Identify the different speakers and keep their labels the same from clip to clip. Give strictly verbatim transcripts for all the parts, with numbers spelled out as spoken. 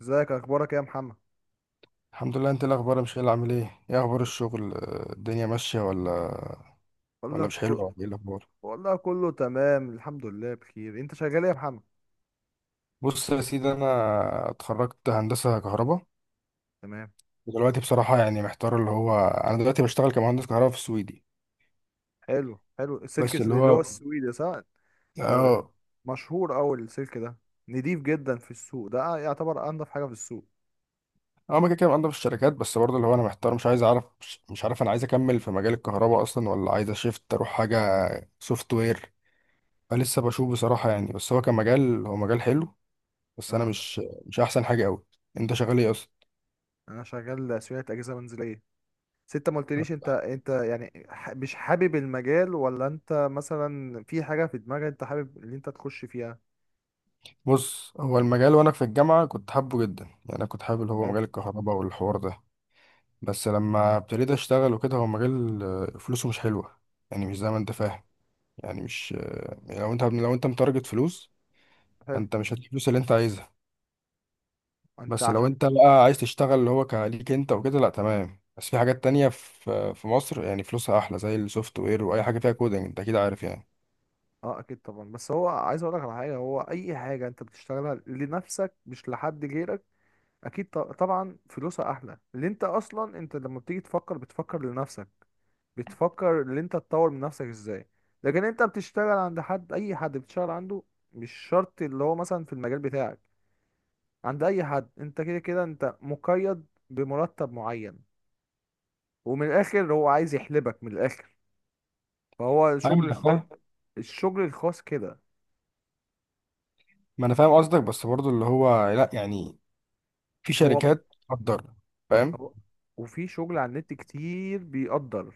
Speaker 1: ازيك اخبارك إيه يا محمد؟
Speaker 2: الحمد لله. انت ايه الاخبار يا مشايل؟ عامل ايه؟ ايه اخبار الشغل؟ آه، الدنيا ماشيه ولا
Speaker 1: بقول
Speaker 2: ولا
Speaker 1: لك
Speaker 2: مش حلوه؟
Speaker 1: كل...
Speaker 2: ولا ايه الاخبار؟
Speaker 1: بقول لك كله تمام، الحمد لله بخير. انت شغال ايه يا محمد؟
Speaker 2: بص يا سيدي، انا اتخرجت هندسه كهرباء،
Speaker 1: تمام.
Speaker 2: ودلوقتي بصراحه يعني محتار. اللي هو انا دلوقتي بشتغل كمهندس كهرباء في السويدي،
Speaker 1: حلو، حلو. السلك
Speaker 2: بس
Speaker 1: الس-
Speaker 2: اللي
Speaker 1: اللي هو
Speaker 2: هو
Speaker 1: السويدي، صح؟ ده
Speaker 2: اه
Speaker 1: مشهور اوي السلك ده. نضيف جدا في السوق، ده يعتبر انضف حاجه في السوق.
Speaker 2: اه ما كده كده بقدم في الشركات، بس برضه اللي هو انا محتار، مش عايز اعرف، مش مش عارف انا عايز اكمل في مجال الكهرباء اصلا ولا عايز اشيفت اروح حاجه سوفت وير. فلسه بشوف بصراحه يعني، بس هو كمجال هو مجال حلو، بس انا
Speaker 1: اه.
Speaker 2: مش مش احسن حاجه قوي. انت شغال ايه اصلا؟
Speaker 1: انا شغال صيانه اجهزه منزليه. بس انت ما قلتليش، انت انت يعني ح- مش حابب المجال، ولا انت مثلا في حاجه في دماغك انت حابب اللي انت تخش فيها؟
Speaker 2: بص، هو المجال وانا في الجامعه كنت حابه جدا يعني، انا كنت حابب اللي هو
Speaker 1: حلو
Speaker 2: مجال الكهرباء والحوار ده، بس لما ابتديت اشتغل وكده هو مجال آه، فلوسه مش حلوه. يعني مش زي ما انت فاهم. يعني مش آه، يعني لو انت لو انت متارجت فلوس،
Speaker 1: حلو.
Speaker 2: فانت مش هتجيب الفلوس اللي انت عايزها.
Speaker 1: انت
Speaker 2: بس لو
Speaker 1: عشان.
Speaker 2: انت بقى عايز تشتغل اللي هو كليك انت وكده، لا تمام، بس في حاجات تانية في في مصر يعني فلوسها احلى، زي السوفت وير واي حاجه فيها كودنج، انت اكيد عارف يعني.
Speaker 1: اه، اكيد طبعا. بس هو عايز اقول لك على حاجه، هو اي حاجه انت بتشتغلها لنفسك مش لحد غيرك. اكيد ط- طبعا، فلوسها احلى، اللي انت اصلا انت لما بتيجي تفكر بتفكر لنفسك. بتفكر ان انت تطور من نفسك ازاي. لكن انت بتشتغل عند حد، اي حد بتشتغل عنده. مش شرط اللي هو مثلا في المجال بتاعك. عند اي حد انت كده كده انت مقيد بمرتب معين. ومن الاخر هو عايز يحلبك من الاخر. فهو
Speaker 2: فاهم،
Speaker 1: الشغل
Speaker 2: انا
Speaker 1: الخاص.
Speaker 2: فاهم.
Speaker 1: الشغل الخاص كده.
Speaker 2: ما انا فاهم قصدك، بس برضو اللي هو لا يعني، في
Speaker 1: هو
Speaker 2: شركات تقدر. فاهم.
Speaker 1: هو- وفي شغل على النت كتير بيقدر.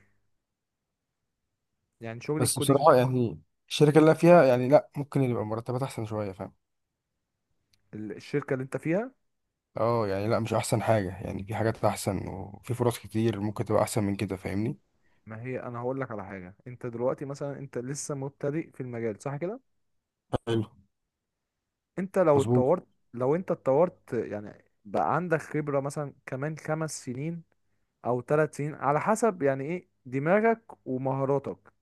Speaker 1: يعني شغل
Speaker 2: بس
Speaker 1: الكودينج.
Speaker 2: بصراحة يعني الشركة
Speaker 1: مم.
Speaker 2: اللي أنا فيها يعني لا، ممكن يبقى مرتبات أحسن شوية، فاهم.
Speaker 1: ال- الشركة اللي انت فيها.
Speaker 2: اه يعني لا، مش أحسن حاجة يعني، في حاجات أحسن وفي فرص كتير ممكن تبقى أحسن من كده، فاهمني.
Speaker 1: ما هي انا هقول لك على حاجة، انت دلوقتي مثلا انت لسه مبتدئ في المجال، صح كده؟
Speaker 2: حلو.
Speaker 1: انت لو
Speaker 2: مظبوط.
Speaker 1: اتطورت. لو انت اتطورت يعني بقى عندك خبرة مثلا كمان خمس سنين. او ثلاث سنين، على حسب يعني ايه دماغك. ومهاراتك.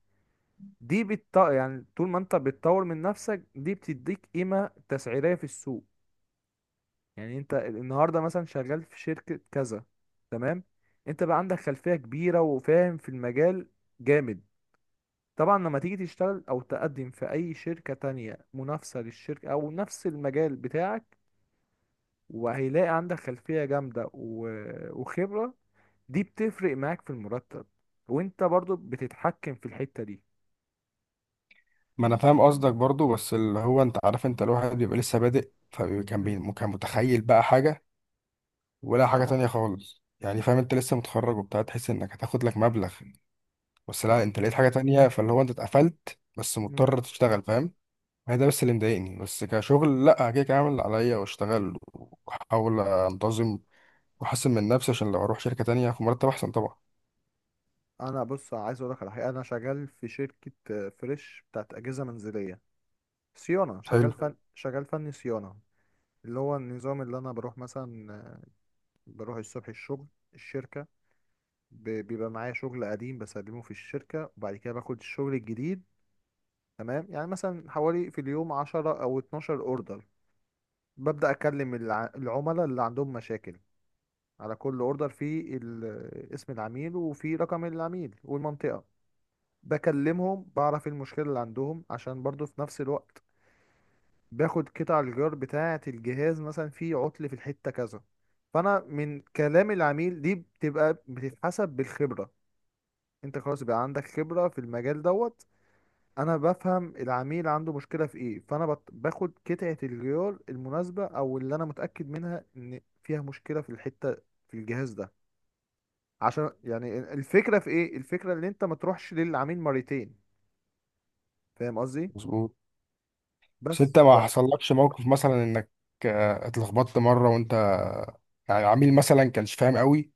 Speaker 1: دي بتط... يعني طول ما انت بتطور من نفسك دي بتديك قيمة تسعيرية في السوق. يعني انت النهارده مثلا شغال في شركة كذا. تمام. انت بقى عندك خلفية كبيرة وفاهم في المجال. جامد. طبعا لما تيجي تشتغل او تقدم في اي شركة تانية منافسة للشركة او نفس المجال بتاعك. وهيلاقي عندك خلفية جامدة و- وخبرة. دي بتفرق معاك في المرتب. وانت برضو بتتحكم في الحتة دي.
Speaker 2: ما أنا فاهم قصدك برضو، بس اللي هو أنت عارف، أنت الواحد بيبقى لسه بادئ، فكان
Speaker 1: مم.
Speaker 2: بي- كان متخيل بقى حاجة ولا
Speaker 1: لا،
Speaker 2: حاجة
Speaker 1: ده هو
Speaker 2: تانية
Speaker 1: حاجة.
Speaker 2: خالص، يعني فاهم، أنت لسه متخرج وبتاع، تحس إنك هتاخد لك مبلغ، بس لا،
Speaker 1: لا.
Speaker 2: أنت لقيت حاجة تانية، فاللي هو أنت اتقفلت بس
Speaker 1: مم.
Speaker 2: مضطر تشتغل، فاهم. ما هي ده بس اللي مضايقني، بس كشغل لا، كده كده اعمل اللي عليا واشتغل، واحاول انتظم، واحسن من نفسي عشان لو اروح شركة تانية في مرتب احسن طبعا.
Speaker 1: انا بص عايز اقول لك على حاجة، انا شغال في شركة آه، فريش بتاعت اجهزة منزلية. صيانة،
Speaker 2: حلو.
Speaker 1: شغال فن شغال فني صيانة. اللي هو النظام اللي أنا بروح مثلا. بروح الصبح الشغل. الشركة. ب- بيبقى معايا شغل قديم بسلمه في الشركة وبعد كده باخد الشغل الجديد. تمام، يعني مثلا حوالي في اليوم عشرة أو اتناشر أوردر. ببدأ أكلم الع- العملاء اللي عندهم مشاكل. على كل أوردر فيه ال- اسم العميل وفيه رقم العميل والمنطقة. بكلمهم بعرف إيه المشكلة اللي عندهم عشان برضو في نفس الوقت. باخد قطع الغيار بتاعة الجهاز، مثلا في عطل في الحتة كذا. فأنا من كلام العميل دي بتبقى بتتحسب بالخبرة. انت خلاص بقى عندك خبرة في المجال دوت. انا بفهم العميل عنده مشكلة في ايه، فانا بت- باخد قطعة الغيار المناسبة او اللي انا متأكد منها ان فيها مشكلة في الحتة. في الجهاز ده. عشان يعني الفكرة في ايه، الفكرة ان انت ما تروحش للعميل مرتين. فاهم قصدي؟
Speaker 2: مظبوط. بس
Speaker 1: بس
Speaker 2: انت
Speaker 1: ف...
Speaker 2: ما
Speaker 1: طب.
Speaker 2: حصلكش موقف مثلا انك آه، اتلخبطت مرة، وانت يعني عميل مثلا كانش فاهم قوي،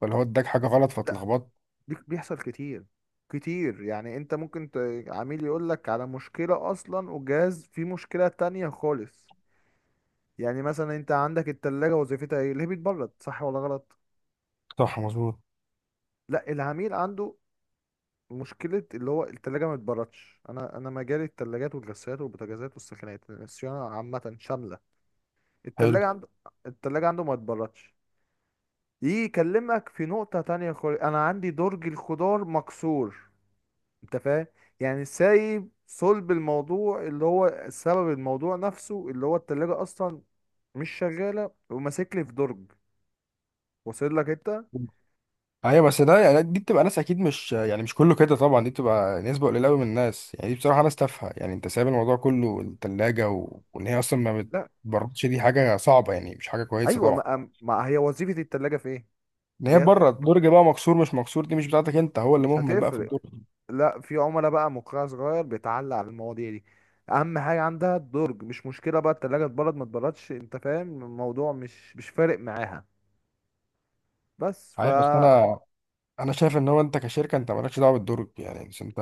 Speaker 2: ولا هو اداك حاجة غلط فاتلخبطت؟
Speaker 1: دي بيحصل كتير. كتير، يعني انت ممكن ت... عميل يقول لك على مشكلة اصلا، وجهاز فيه مشكلة تانية خالص. يعني مثلا انت عندك التلاجة، وظيفتها ايه؟ اللي هي بتبرد، صح ولا غلط؟
Speaker 2: صح. مظبوط.
Speaker 1: لا، العميل عنده. مشكلة اللي هو التلاجة ما بتبردش. انا انا مجالي التلاجات والغسالات والبوتاجازات والسخانات، الصيانة عامة شاملة.
Speaker 2: حلو.
Speaker 1: التلاجة عنده. التلاجة عنده ما بتبردش. يجي يكلمك في نقطة تانية خالص، انا عندي درج الخضار مكسور. انت فاهم؟ يعني سايب صلب الموضوع اللي هو سبب الموضوع نفسه اللي هو التلاجة اصلا. مش شغالة وماسك لي في درج. واصل لك انت؟
Speaker 2: ايوه، بس ده يعني دي بتبقى ناس اكيد، مش يعني مش كله كده طبعا، دي بتبقى نسبه قليله قوي من الناس، يعني دي بصراحه ناس تافهه، يعني انت سايب الموضوع كله، الثلاجه و... وان هي اصلا ما
Speaker 1: لا.
Speaker 2: بتبردش، دي حاجه صعبه، يعني مش حاجه كويسه
Speaker 1: ايوه،
Speaker 2: طبعا.
Speaker 1: ما, ما هي وظيفة التلاجة في ايه؟
Speaker 2: ان
Speaker 1: اللي
Speaker 2: هي
Speaker 1: هي.
Speaker 2: بره الدرج بقى مكسور، مش مكسور دي مش بتاعتك انت، هو اللي
Speaker 1: مش
Speaker 2: مهمل بقى في
Speaker 1: هتفرق.
Speaker 2: الدرج.
Speaker 1: لا، في عملاء بقى مقرع صغير بيتعلق على المواضيع دي. اهم حاجة عندها الدرج، مش مشكلة بقى التلاجة اتبرد ما اتبردش، انت فاهم الموضوع مش مش فارق معاها. بس
Speaker 2: عارف، بس
Speaker 1: فا
Speaker 2: انا انا شايف ان هو انت كشركه انت مالكش دعوه بالدرج يعني، بس انت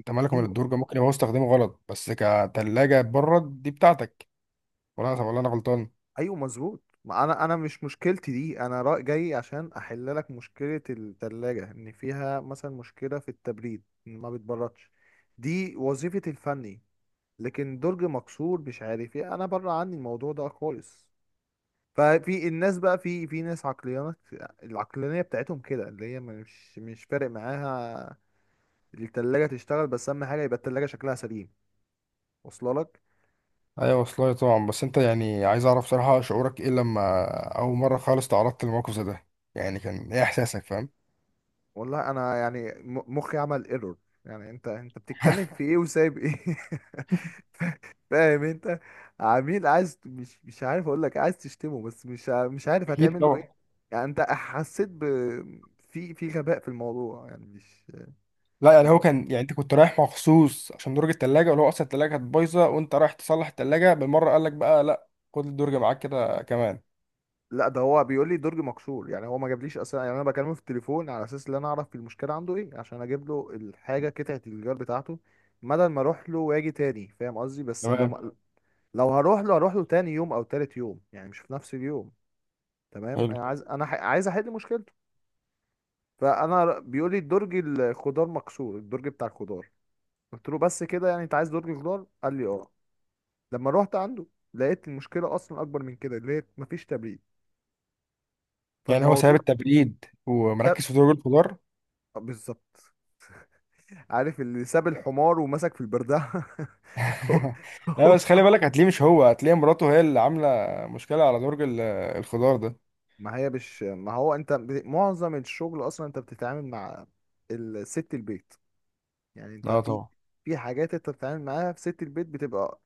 Speaker 2: انت مالك من
Speaker 1: ايوه،
Speaker 2: الدرج، ممكن يبقى هو استخدامه غلط، بس كثلاجه برد دي بتاعتك، ولا انا ولا انا غلطان؟
Speaker 1: ايوه مظبوط. ما انا انا مش مشكلتي دي. انا رأي جاي عشان احل لك مشكله الثلاجه، ان فيها مثلا مشكله في التبريد، إن ما بتبردش. دي وظيفه الفني. لكن درج مكسور مش عارف ايه، انا بره عني الموضوع ده خالص. ففي الناس بقى في في ناس عقليات. العقلانيه بتاعتهم كده اللي هي مش مش فارق معاها. التلاجة تشتغل، بس اهم حاجه يبقى التلاجة شكلها سليم. واصله لك؟
Speaker 2: ايوه والله طبعا. بس انت يعني، عايز اعرف صراحة شعورك ايه لما اول مرة خالص تعرضت للموقف زي ده؟ يعني كان ايه احساسك، فاهم؟
Speaker 1: والله انا يعني م- مخي عمل ايرور. يعني انت انت بتتكلم في ايه وسايب ايه؟ ف- فاهم انت؟ عميل عايز مش مش عارف اقول لك عايز تشتمه بس مش ع- مش عارف
Speaker 2: اكيد
Speaker 1: هتعمل له ايه.
Speaker 2: طبعا.
Speaker 1: يعني انت حسيت ب. في في غباء في الموضوع، يعني مش.
Speaker 2: لا يعني، هو كان يعني، انت كنت رايح مخصوص عشان درج التلاجة، ولا هو اصلا التلاجة كانت بايظة وانت رايح تصلح التلاجة بالمرة، قال لك بقى لا، خد الدرج معاك كده كمان؟
Speaker 1: لا ده هو بيقول لي درج مكسور، يعني هو ما جابليش اصلا، يعني انا بكلمه في التليفون على اساس ان انا اعرف المشكله عنده ايه عشان اجيب له الحاجه قطعه الجوار بتاعته. بدل ما اروح له واجي تاني، فاهم قصدي، بس
Speaker 2: تمام.
Speaker 1: لما. لو هروح له هروح له تاني يوم او تالت يوم يعني مش في نفس اليوم. تمام،
Speaker 2: حلو.
Speaker 1: انا عايز انا ح... عايز احل مشكلته. فانا ر- بيقول لي الدرج الخضار مكسور، الدرج بتاع الخضار. قلت له بس كده، يعني انت عايز درج خضار؟ قال لي اه. لما روحت عنده. لقيت المشكله اصلا اكبر من كده، لقيت مفيش تبريد.
Speaker 2: يعني هو ساب
Speaker 1: فالموضوع
Speaker 2: التبريد
Speaker 1: ساب.
Speaker 2: ومركز في درج الخضار.
Speaker 1: آه، بالظبط. عارف اللي ساب الحمار ومسك في البردعه؟ هو-
Speaker 2: لا
Speaker 1: هو-
Speaker 2: بس خلي بالك، هتلاقيه مش هو، هتلاقي مراته هي اللي عاملة مشكلة على درج ال- الخضار ده.
Speaker 1: ما هي مش، ما هو انت ب- معظم الشغل اصلا انت بتتعامل مع. الست البيت. يعني انت
Speaker 2: اه
Speaker 1: في.
Speaker 2: طبعا.
Speaker 1: في حاجات انت بتتعامل معاها في ست البيت بتبقى.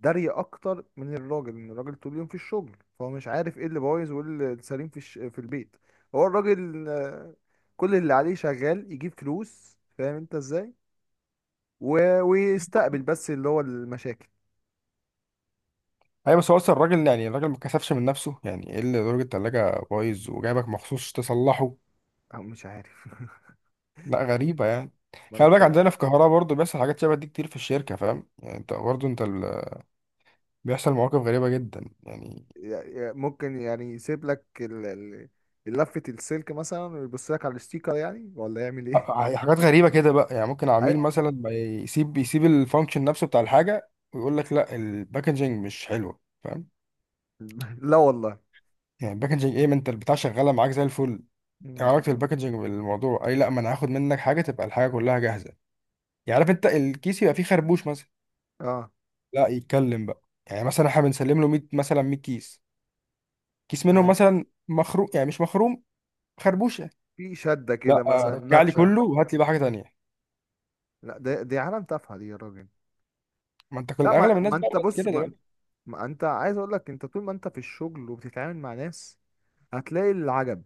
Speaker 1: دارية اكتر من الراجل، ان الراجل طول اليوم في الشغل فهو مش عارف ايه اللي بايظ وايه اللي سليم في الش... في البيت. هو الراجل آه، كل اللي عليه شغال يجيب فلوس، فاهم انت ازاي. و... ويستقبل بس اللي هو المشاكل.
Speaker 2: ايوه، بس هو اصلا الراجل يعني، الراجل ما كسفش من نفسه يعني، ايه اللي درجة التلاجة بايظ وجايبك مخصوص تصلحه؟
Speaker 1: او مش عارف.
Speaker 2: لا غريبة يعني.
Speaker 1: ما انا
Speaker 2: خلي بالك،
Speaker 1: بصراحة.
Speaker 2: عندنا في القاهرة برضه بيحصل حاجات شبه دي كتير في الشركة، فاهم يعني، انت برضه انت ال... بيحصل مواقف غريبة جدا يعني.
Speaker 1: يع- يع- ممكن يعني يسيب لك ال... ال- لفة السلك مثلا، ويبص لك على الستيكر، يعني ولا يعمل
Speaker 2: ح-
Speaker 1: ايه.
Speaker 2: حاجات غريبة كده بقى يعني، ممكن عميل
Speaker 1: أي-
Speaker 2: مثلا ما يسيب يسيب الفانكشن نفسه بتاع الحاجة ويقول لك لا، الباكجينج مش حلوة، فاهم؟
Speaker 1: لا والله.
Speaker 2: يعني الباكجينج ايه؟ ما انت البتاع شغالة معاك زي الفل، يعني
Speaker 1: مم.
Speaker 2: علاقة الباكجينج بالموضوع اي؟ لا، ما انا هاخد منك حاجة تبقى الحاجة كلها جاهزة. يعني عارف انت، الكيس يبقى فيه خربوش مثلا،
Speaker 1: اه.
Speaker 2: لا يتكلم بقى يعني، مثلا احنا بنسلم له مية، مثلا مية كيس، كيس منهم
Speaker 1: تمام.
Speaker 2: مثلا مخروم، يعني مش مخروم، خربوشه،
Speaker 1: في شدة
Speaker 2: لا
Speaker 1: كده
Speaker 2: آه،
Speaker 1: مثلا
Speaker 2: رجع لي
Speaker 1: ناتشا.
Speaker 2: كله وهات لي بقى حاجه تانيه.
Speaker 1: لا، دي, دي عالم تافهة دي يا راجل.
Speaker 2: ما انت
Speaker 1: لا،
Speaker 2: كل
Speaker 1: ما,
Speaker 2: اغلب
Speaker 1: ما
Speaker 2: الناس بقى
Speaker 1: انت
Speaker 2: بقت
Speaker 1: بص،
Speaker 2: كده
Speaker 1: ما,
Speaker 2: دلوقتي.
Speaker 1: ما انت عايز اقول لك انت طول ما انت في الشغل وبتتعامل مع ناس. هتلاقي العجب.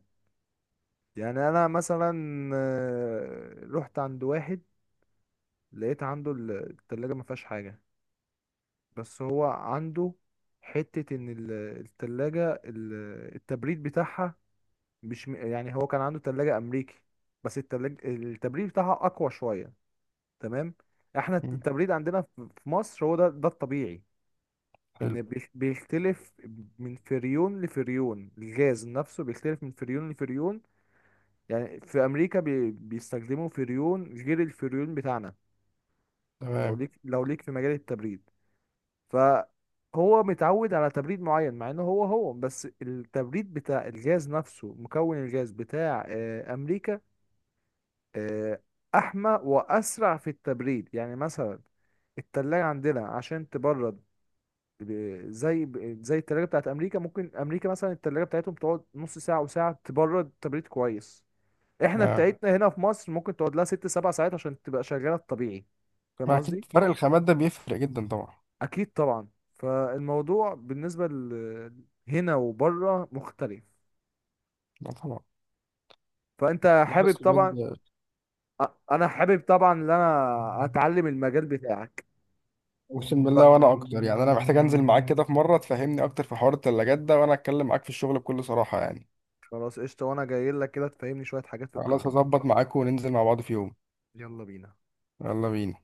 Speaker 1: يعني انا مثلا. آه، رحت عند واحد. لقيت عنده ال- التلاجة ما فيهاش حاجة. بس هو عنده. حتة ان ال- التلاجة ال- التبريد بتاعها. مش م- يعني هو كان عنده تلاجة امريكي. بس التلاجة التبريد بتاعها اقوى شوية. تمام. احنا
Speaker 2: مم.
Speaker 1: التبريد عندنا في في مصر، هو ده ده الطبيعي.
Speaker 2: حلو.
Speaker 1: ان بيخ- بيختلف. من فريون لفريون، الغاز نفسه بيختلف من فريون لفريون. يعني في امريكا بي بيستخدموا فريون غير الفريون بتاعنا. لو
Speaker 2: تمام.
Speaker 1: ليك لو ليك في مجال التبريد. فهو متعود على تبريد معين، مع انه هو هو بس التبريد بتاع الغاز نفسه مكون الغاز بتاع آه، امريكا. آه، احمى واسرع في التبريد، يعني مثلا. التلاجة عندنا عشان تبرد. ب- زي ب- زي التلاجة بتاعت أمريكا، ممكن أمريكا مثلا التلاجة بتاعتهم تقعد نص ساعة وساعة تبرد تبريد كويس. إحنا
Speaker 2: آه.
Speaker 1: بتاعتنا هنا في مصر ممكن تقعد لها ست سبع ساعات عشان تبقى شغالة الطبيعي. فاهم
Speaker 2: ما اكيد
Speaker 1: قصدي؟
Speaker 2: فرق الخامات ده بيفرق جدا طبعا.
Speaker 1: أكيد طبعا. فالموضوع بالنسبة ل- هنا وبره مختلف.
Speaker 2: لا طبعا.
Speaker 1: فأنت
Speaker 2: لا
Speaker 1: حابب
Speaker 2: بس
Speaker 1: طبعا.
Speaker 2: بجد،
Speaker 1: أ- أنا حابب طبعا إن أنا أتعلم المجال بتاعك.
Speaker 2: اقسم بالله،
Speaker 1: ف-
Speaker 2: وانا اكتر يعني، انا محتاج انزل معاك كده في مره تفهمني اكتر في حوار التلاجات ده، وانا اتكلم معاك في الشغل بكل صراحه يعني.
Speaker 1: خلاص قشطة، وأنا جاي لك كده تفهمني شوية حاجات في
Speaker 2: خلاص،
Speaker 1: الكهرباء.
Speaker 2: هظبط معاك وننزل مع بعض في يوم.
Speaker 1: يلا بينا.
Speaker 2: يلا بينا.